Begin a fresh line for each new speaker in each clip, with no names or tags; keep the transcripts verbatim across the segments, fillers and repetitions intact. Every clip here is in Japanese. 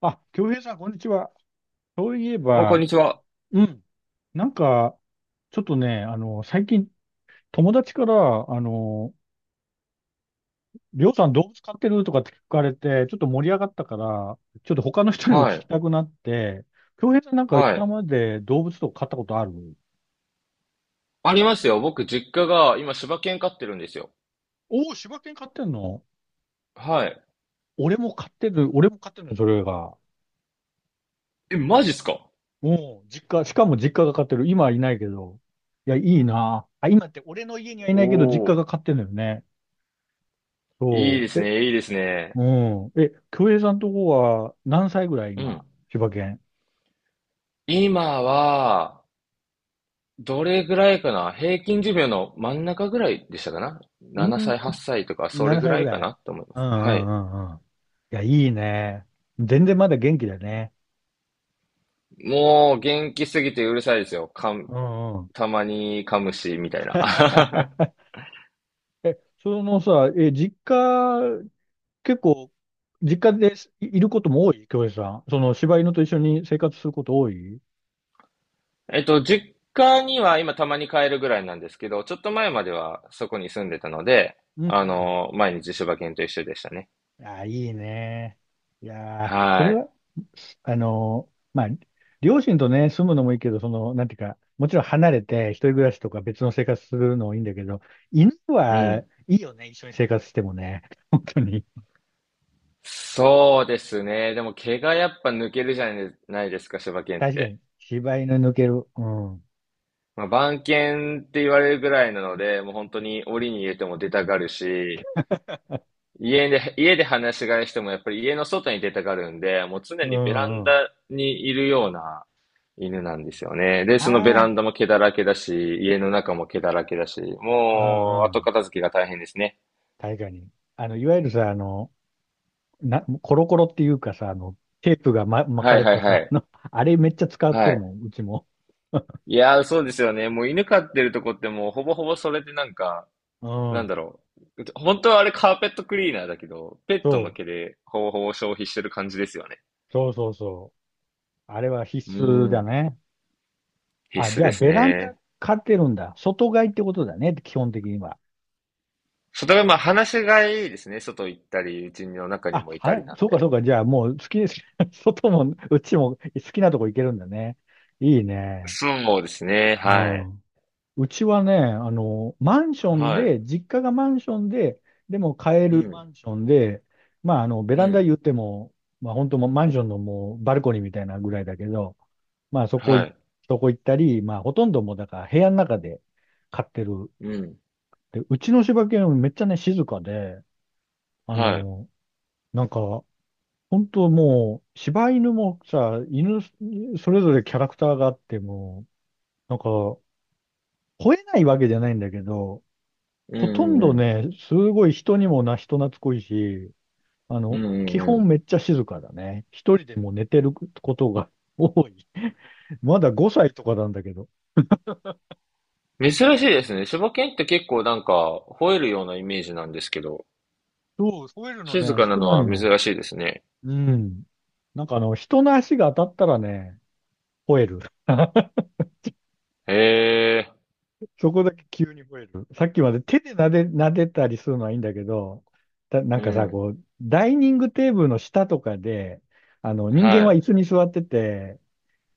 あ、京平さん、こんにちは。そういえ
あ、こん
ば、
にちは。
うん。なんか、ちょっとね、あの、最近、友達から、あの、りょうさん動物飼ってるとかって聞かれて、ちょっと盛り上がったから、ちょっと他の人にも聞
は
き
い。
たくなって、京平さんなんか
はい。
今まで動物とか飼ったことある？
ありますよ。僕、実家が今、柴犬飼ってるんですよ。
おおー、柴犬飼ってんの？
はい。
俺も飼ってる、俺も飼ってるの、それが。
え、マジっすか？
もう、実家、しかも実家が飼ってる。今はいないけど。いや、いいな。あ、今って俺の家にはい
お
ないけど、実家
ー。
が飼ってるのよね。
いい
そ
です
う。
ね、いいですね。
うん。え、京平さんとこは何歳ぐらい
う
今、
ん。
千葉県。
今は、どれぐらいかな。平均寿命の真ん中ぐらいでしたかな
う
?なな
ー
歳、8
ん、
歳とか、それ
7
ぐ
歳
ら
ぐ
いか
らい。
なと思いま
うんう
す。はい。
んうんうん。いや、いいね。全然まだ元気だね。
もう、元気すぎてうるさいですよ。かん
うんうん。
たまに噛むし、みたいな。
え、そのさ、え、実家、結構、実家ですいいることも多い京平さん。その、柴犬と一緒に生活すること多い？
えっと、実家には今たまに帰るぐらいなんですけど、ちょっと前まではそこに住んでたので、
うんう
あ
ん。
の、毎日柴犬と一緒でしたね。
いやー、いいね。いやー、それ
はい。
は、あのーまあ、両親とね、住むのもいいけど、その、なんていうか、もちろん離れて、一人暮らしとか別の生活するのもいいんだけど、犬
う
は
ん。
いいよね、一緒に生活してもね。本当に。
そうですね。でも毛がやっぱ抜けるじゃないですか、柴犬っ
確か
て。
に。柴犬抜ける。うん。う
まあ、番犬って言われるぐらいなので、もう本当に檻に入れても出たがるし、家で、家で話し飼いしてもやっぱり家の外に出たがるんで、もう常にベラン
んうん。
ダにいるような犬なんですよね。で、そのベ
あ
ラ
あ、
ンダも毛だらけだし、家の中も毛だらけだし、
う
もう
んう
後
ん。
片付けが大変ですね。
確かに。あの、いわゆるさ、あの、な、コロコロっていうかさ、あの、テープが、ま、巻か
はい
れ
はい
た
は
さ、あ
い。
の、あれめっちゃ使って
は
る
い。
もん、うちも。
いやー、そうですよね。もう犬飼ってるとこってもうほぼほぼそれでなんか、
う
なんだ
ん。
ろう。本当はあれカーペットクリーナーだけど、ペットの
そ
毛
う。
でほぼほぼ消費してる感じですよね。
そうそうそう。あれは
う
必須だ
ん。
ね。
必
あ、
須
じゃあ
です
ベランダ
ね。
買ってるんだ。外買いってことだね、基本的には。
それはまあ話がいいですね。外行ったり、うちの中に
あ、
もいたり
は、
なん
そうかそ
で。
うか。じゃあもう好きです。外も、うちも好きなとこ行けるんだね。いいね。
そうですね。
う
はい。
ん。うちはね、あの、マンション
はい。
で、実家がマンションで、でも買え
う
るマ
ん。
ンションで、まあ、あの、ベラ
う
ンダ
ん。
言っても、まあ、本当もうマンションのもうバルコニーみたいなぐらいだけど、まあ、そこ
は
い、
い。
そこ行ったり、まあ、ほとんどもうだから部屋の中で飼ってる。
うん。
で、うちの柴犬めっちゃね、静かで、あ
はい。
の、なんか、本当もう、柴犬もさ、犬、それぞれキャラクターがあっても、なんか、吠えないわけじゃないんだけど、
う
ほ
んう
と
ん
ん
う
ど
ん。
ね、すごい人にもな、人懐っこいし、あ
う
の、
ん
基
うん
本
う
めっちゃ静かだね。一人でも寝てることが多い。まだごさいとかなんだけど。
ん。珍しいですね。柴犬って結構なんか吠えるようなイメージなんですけど、
そう、吠えるの
静
ね、
かな
少
の
な
は
いの。
珍しいですね。
うん。なんかあの、人の足が当たったらね、吠える。
へえ。
そこだけ急に吠える。さっきまで手で撫で、撫でたりするのはいいんだけど、だ、なん
う
かさ、
ん。
こう、ダイニングテーブルの下とかで、あの、人間
は
は
い。
椅子に座ってて、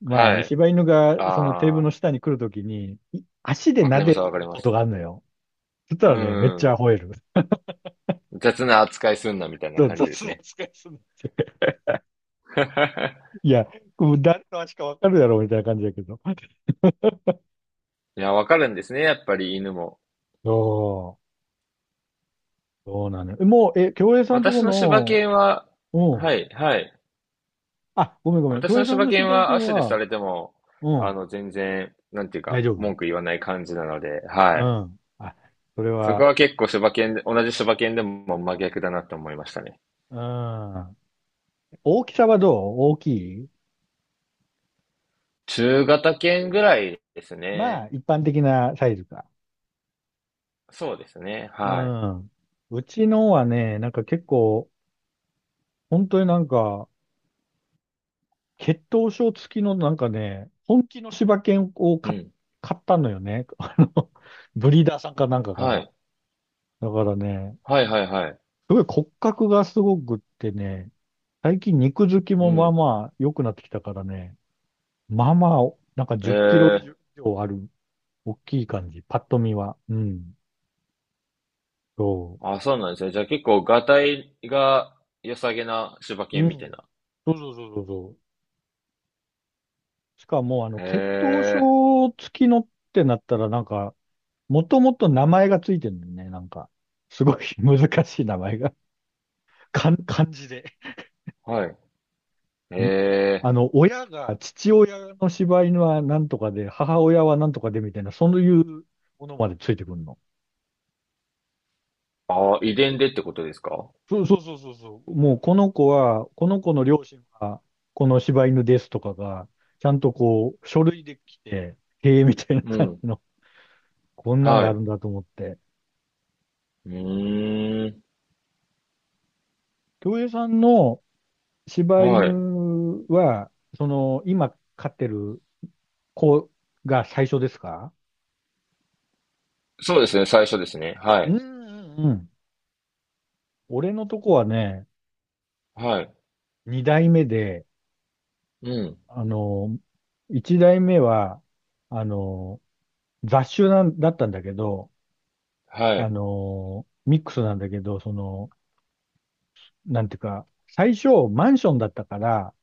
ま
は
あ、
い。
柴犬がそのテーブル
あ
の
あ、
下に来るときに、い足で
わか
撫
りま
で
すわかり
る
ま
こと
す。
があるのよ。そした
う
らね、めっちゃ
ん。
吠える。
雑な扱いすんなみたいな
そう
感じで
雑
す
な
ね。
扱いする。いや、こう誰の足かわかるやろ、みたいな感じだけど。
いや、わかるんですね、やっぱり犬も。
そう、そうなのよ。えもう、え、京平さんと
私
こ
の柴
の、
犬は、
う
は
ん。
い、はい。
あ、ごめんごめん。京
私
平
の
さん
柴
の
犬
柴
は
犬
足でさ
は、
れても、
う
あ
ん、
の、全然、なんていうか、
大丈
文
夫。
句言わない感じなので、は
う
い。
ん。あ、それ
そこ
は、
は結構柴犬で、同じ柴犬でも真逆だなって思いましたね。
うん。大きさはどう？大きい？
中型犬ぐらいです
まあ、
ね。
一般的なサイズか。
そうですね、
う
は
ん。うちのはね、なんか結構、本当になんか、血統書付きのなんかね、本気の柴犬を
い。う
買っ
ん。
買ったのよね。あの、ブリーダーさんかなんかか
は
ら。
い。
だからね、
はいはいはい。
すごい骨格がすごくってね、最近肉付き
う
もまあ
ん。
まあ良くなってきたからね、まあまあ、なんかじゅっキロ
え
以
え。
上ある、大きい感じ、パッと見は。うん。そ
あ、そうなんですね。じゃあ結構、がたいが良さげな柴
う。う
犬みたい
ん。
な。
そうそうそうそうそう。しかも、あ
へ
の、血統
え、
書付きのってなったら、なんか、もともと名前がついてるんだよね。なんか、すごい 難しい名前が。かん、漢字で。
はい。へ
んあ
え。
の、親が、父親の柴犬はなんとかで、母親はなんとかでみたいな、そういうものまでついてくるの。
ああ、遺伝でってことですか？
そうそうそうそうそう。もうこの子は、この子の両親は、この柴犬ですとかが、ちゃんとこう、書類で来て、へえ、みたいな
う
感じ
ん。
の、こんなん
は
があ
い。
るんだと思って。
うーん。
京平さんの柴
はい。
犬は、その、今飼ってるこうが最初ですか？
そうですね、最初ですね。は
うんう
い。
んうん。俺のとこはね、
はい。
二代目で、
うん。
あの、一代目は、あの、雑種なんだったんだけど、
は
あ
い。
の、ミックスなんだけど、その、なんていうか、最初マンションだったから、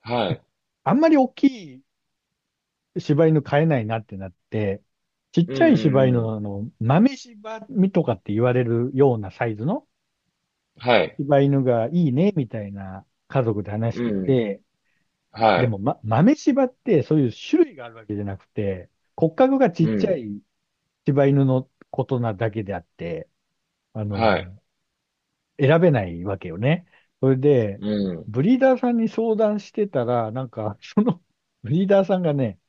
はい。
あんまり大きい柴犬飼えないなってなって、ちっ
うん
ちゃい柴
う
犬
んうん。
の、あの、豆柴みとかって言われるようなサイズの
はい。
柴犬がいいね、みたいな家族で話し
う
て
ん。
て、
は
で
い。
も、ま、豆柴ってそういう種類があるわけじゃなくて、骨格がち
う
っちゃ
ん。
い柴犬のことなだけであって、あ
は
の、
い。
選べないわけよね。それで、
うん。
ブリーダーさんに相談してたら、なんか、その ブリーダーさんがね、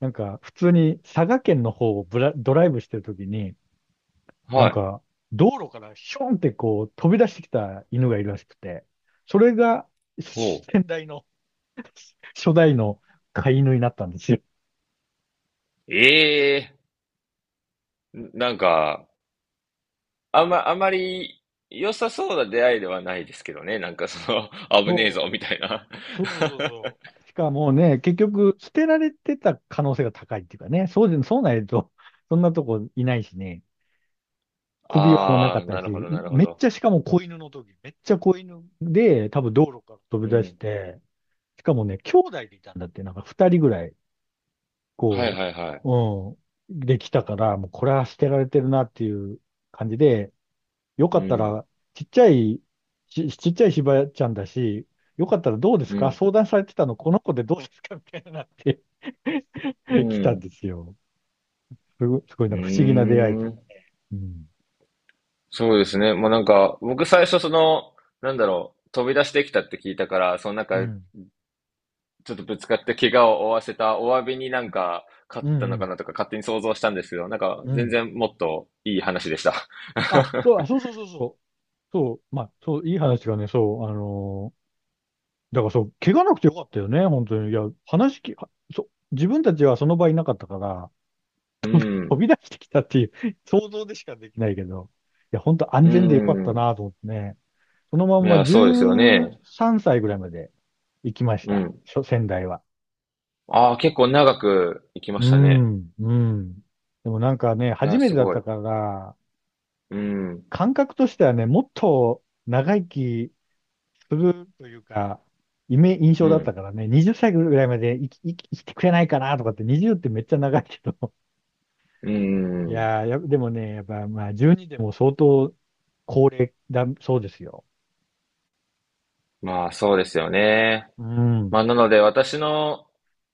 なんか、普通に佐賀県の方をブラ、ドライブしてるときに、な
は
ん
い。
か、道路からションってこう飛び出してきた犬がいるらしくて、それが
ほう。
先代の初代の飼い犬になったんですよ。
ええ、なんか、あんま、あんまり良さそうな出会いではないですけどね。なんかその、危ねえぞ、
そ
みたいな。
うそうそう そうそしかもね、結局、捨てられてた可能性が高いっていうかね、そうで、そうないと、そんなとこいないしね、首輪もなか
あ
っ
あ、
た
なるほ
し、
ど、なるほ
めっ
ど。
ちゃ、しかも子犬の時、めっちゃ子犬で、多分道路から飛
う
び出し
ん。
て、しかもね、兄弟でいたんだって、なんか二人ぐらい、
はい
こ
はいはい。
う、うん、できたから、もうこれは捨てられてるなっていう感じで、よか
う
った
ん、
ら、ちっちゃい、ち、ちっちゃいしばちゃんだし、よかったらどうです
う
か
ん、
相談されてたの、この子でどうですかみたいになって
う
来たん
ん。
ですよ。すごい、すごい
う
なんか不思議な出会いと
ー
いう
ん。
か。うん。
そうですね。もうなんか、僕最初その、なんだろう、飛び出してきたって聞いたから、そのなん
う
か、
ん。
ちょっとぶつかって怪我を負わせたお詫びになんか、勝
う
っ
ん、
た
う
のか
ん、
なとか勝手に想像したんですけど、なんか、
う
全
ん。
然もっといい話でした。
あ、そう、あ、そうそうそうそう。そう、まあ、そう、いい話がね、そう、あのーだからそう、怪我なくてよかったよね、本当に。いや、話き、はそう、自分たちはその場いなかったから、
うん、
飛び出してきたっていう 想像でしかできないけど、いや、本当安
う
全でよかった
ん。
なと思ってね。そのまん
い
ま
や、そうですよね。
じゅうさんさいぐらいまで行きまし
う
た。
ん。
しょ仙台は。
ああ、結構長く行きま
う
したね。
ん、うん。でもなんかね、
い
初
や、
めて
す
だっ
ごい。
たから、
うん、
感覚としてはね、もっと長生きするというか、イメ、印
う
象だった
ん、
からね、はたちぐらいまで生き、生き、生きてくれないかなとかって、はたちってめっちゃ長いけど。
う
い
ん。
やー、や、でもね、やっぱまあじゅうにでも相当高齢だ、そうですよ。
まあ、そうですよね。
うん、
まあ、なので、私の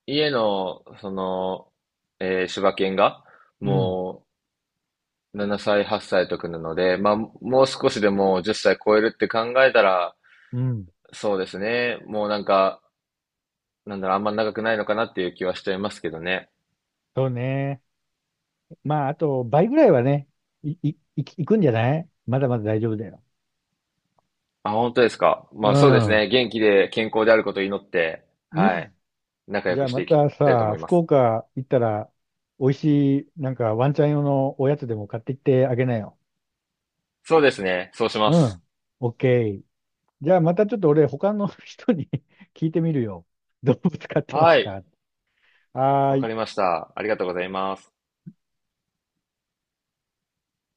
家の、その、えー柴犬が、
うん、
もう、ななさい、はっさいとくなので、まあ、もう少しでもうじゅっさい超えるって考えたら、
うん。
そうですね。もうなんか、なんだろう、あんま長くないのかなっていう気はしちゃいますけどね。
そうね。まあ、あと倍ぐらいはね、い、い、い、行くんじゃない？まだまだ大丈夫だよ。
あ、本当ですか。ま
う
あ、そうです
ん。
ね。元気で健康であることを祈って、
う
はい。
ん。
仲良
じゃ
く
あ
し
ま
ていき
た
たいと
さ、
思いま
福
す。
岡行ったら、美味しい、なんかワンちゃん用のおやつでも買ってきてあげなよ。
そうですね。そうし
う
ます。
ん。オッケー。じゃあまたちょっと俺、他の人に 聞いてみるよ。動物飼ってま
は
す
い。
か？あ
わ
ー
か
い
りました。ありがとうございます。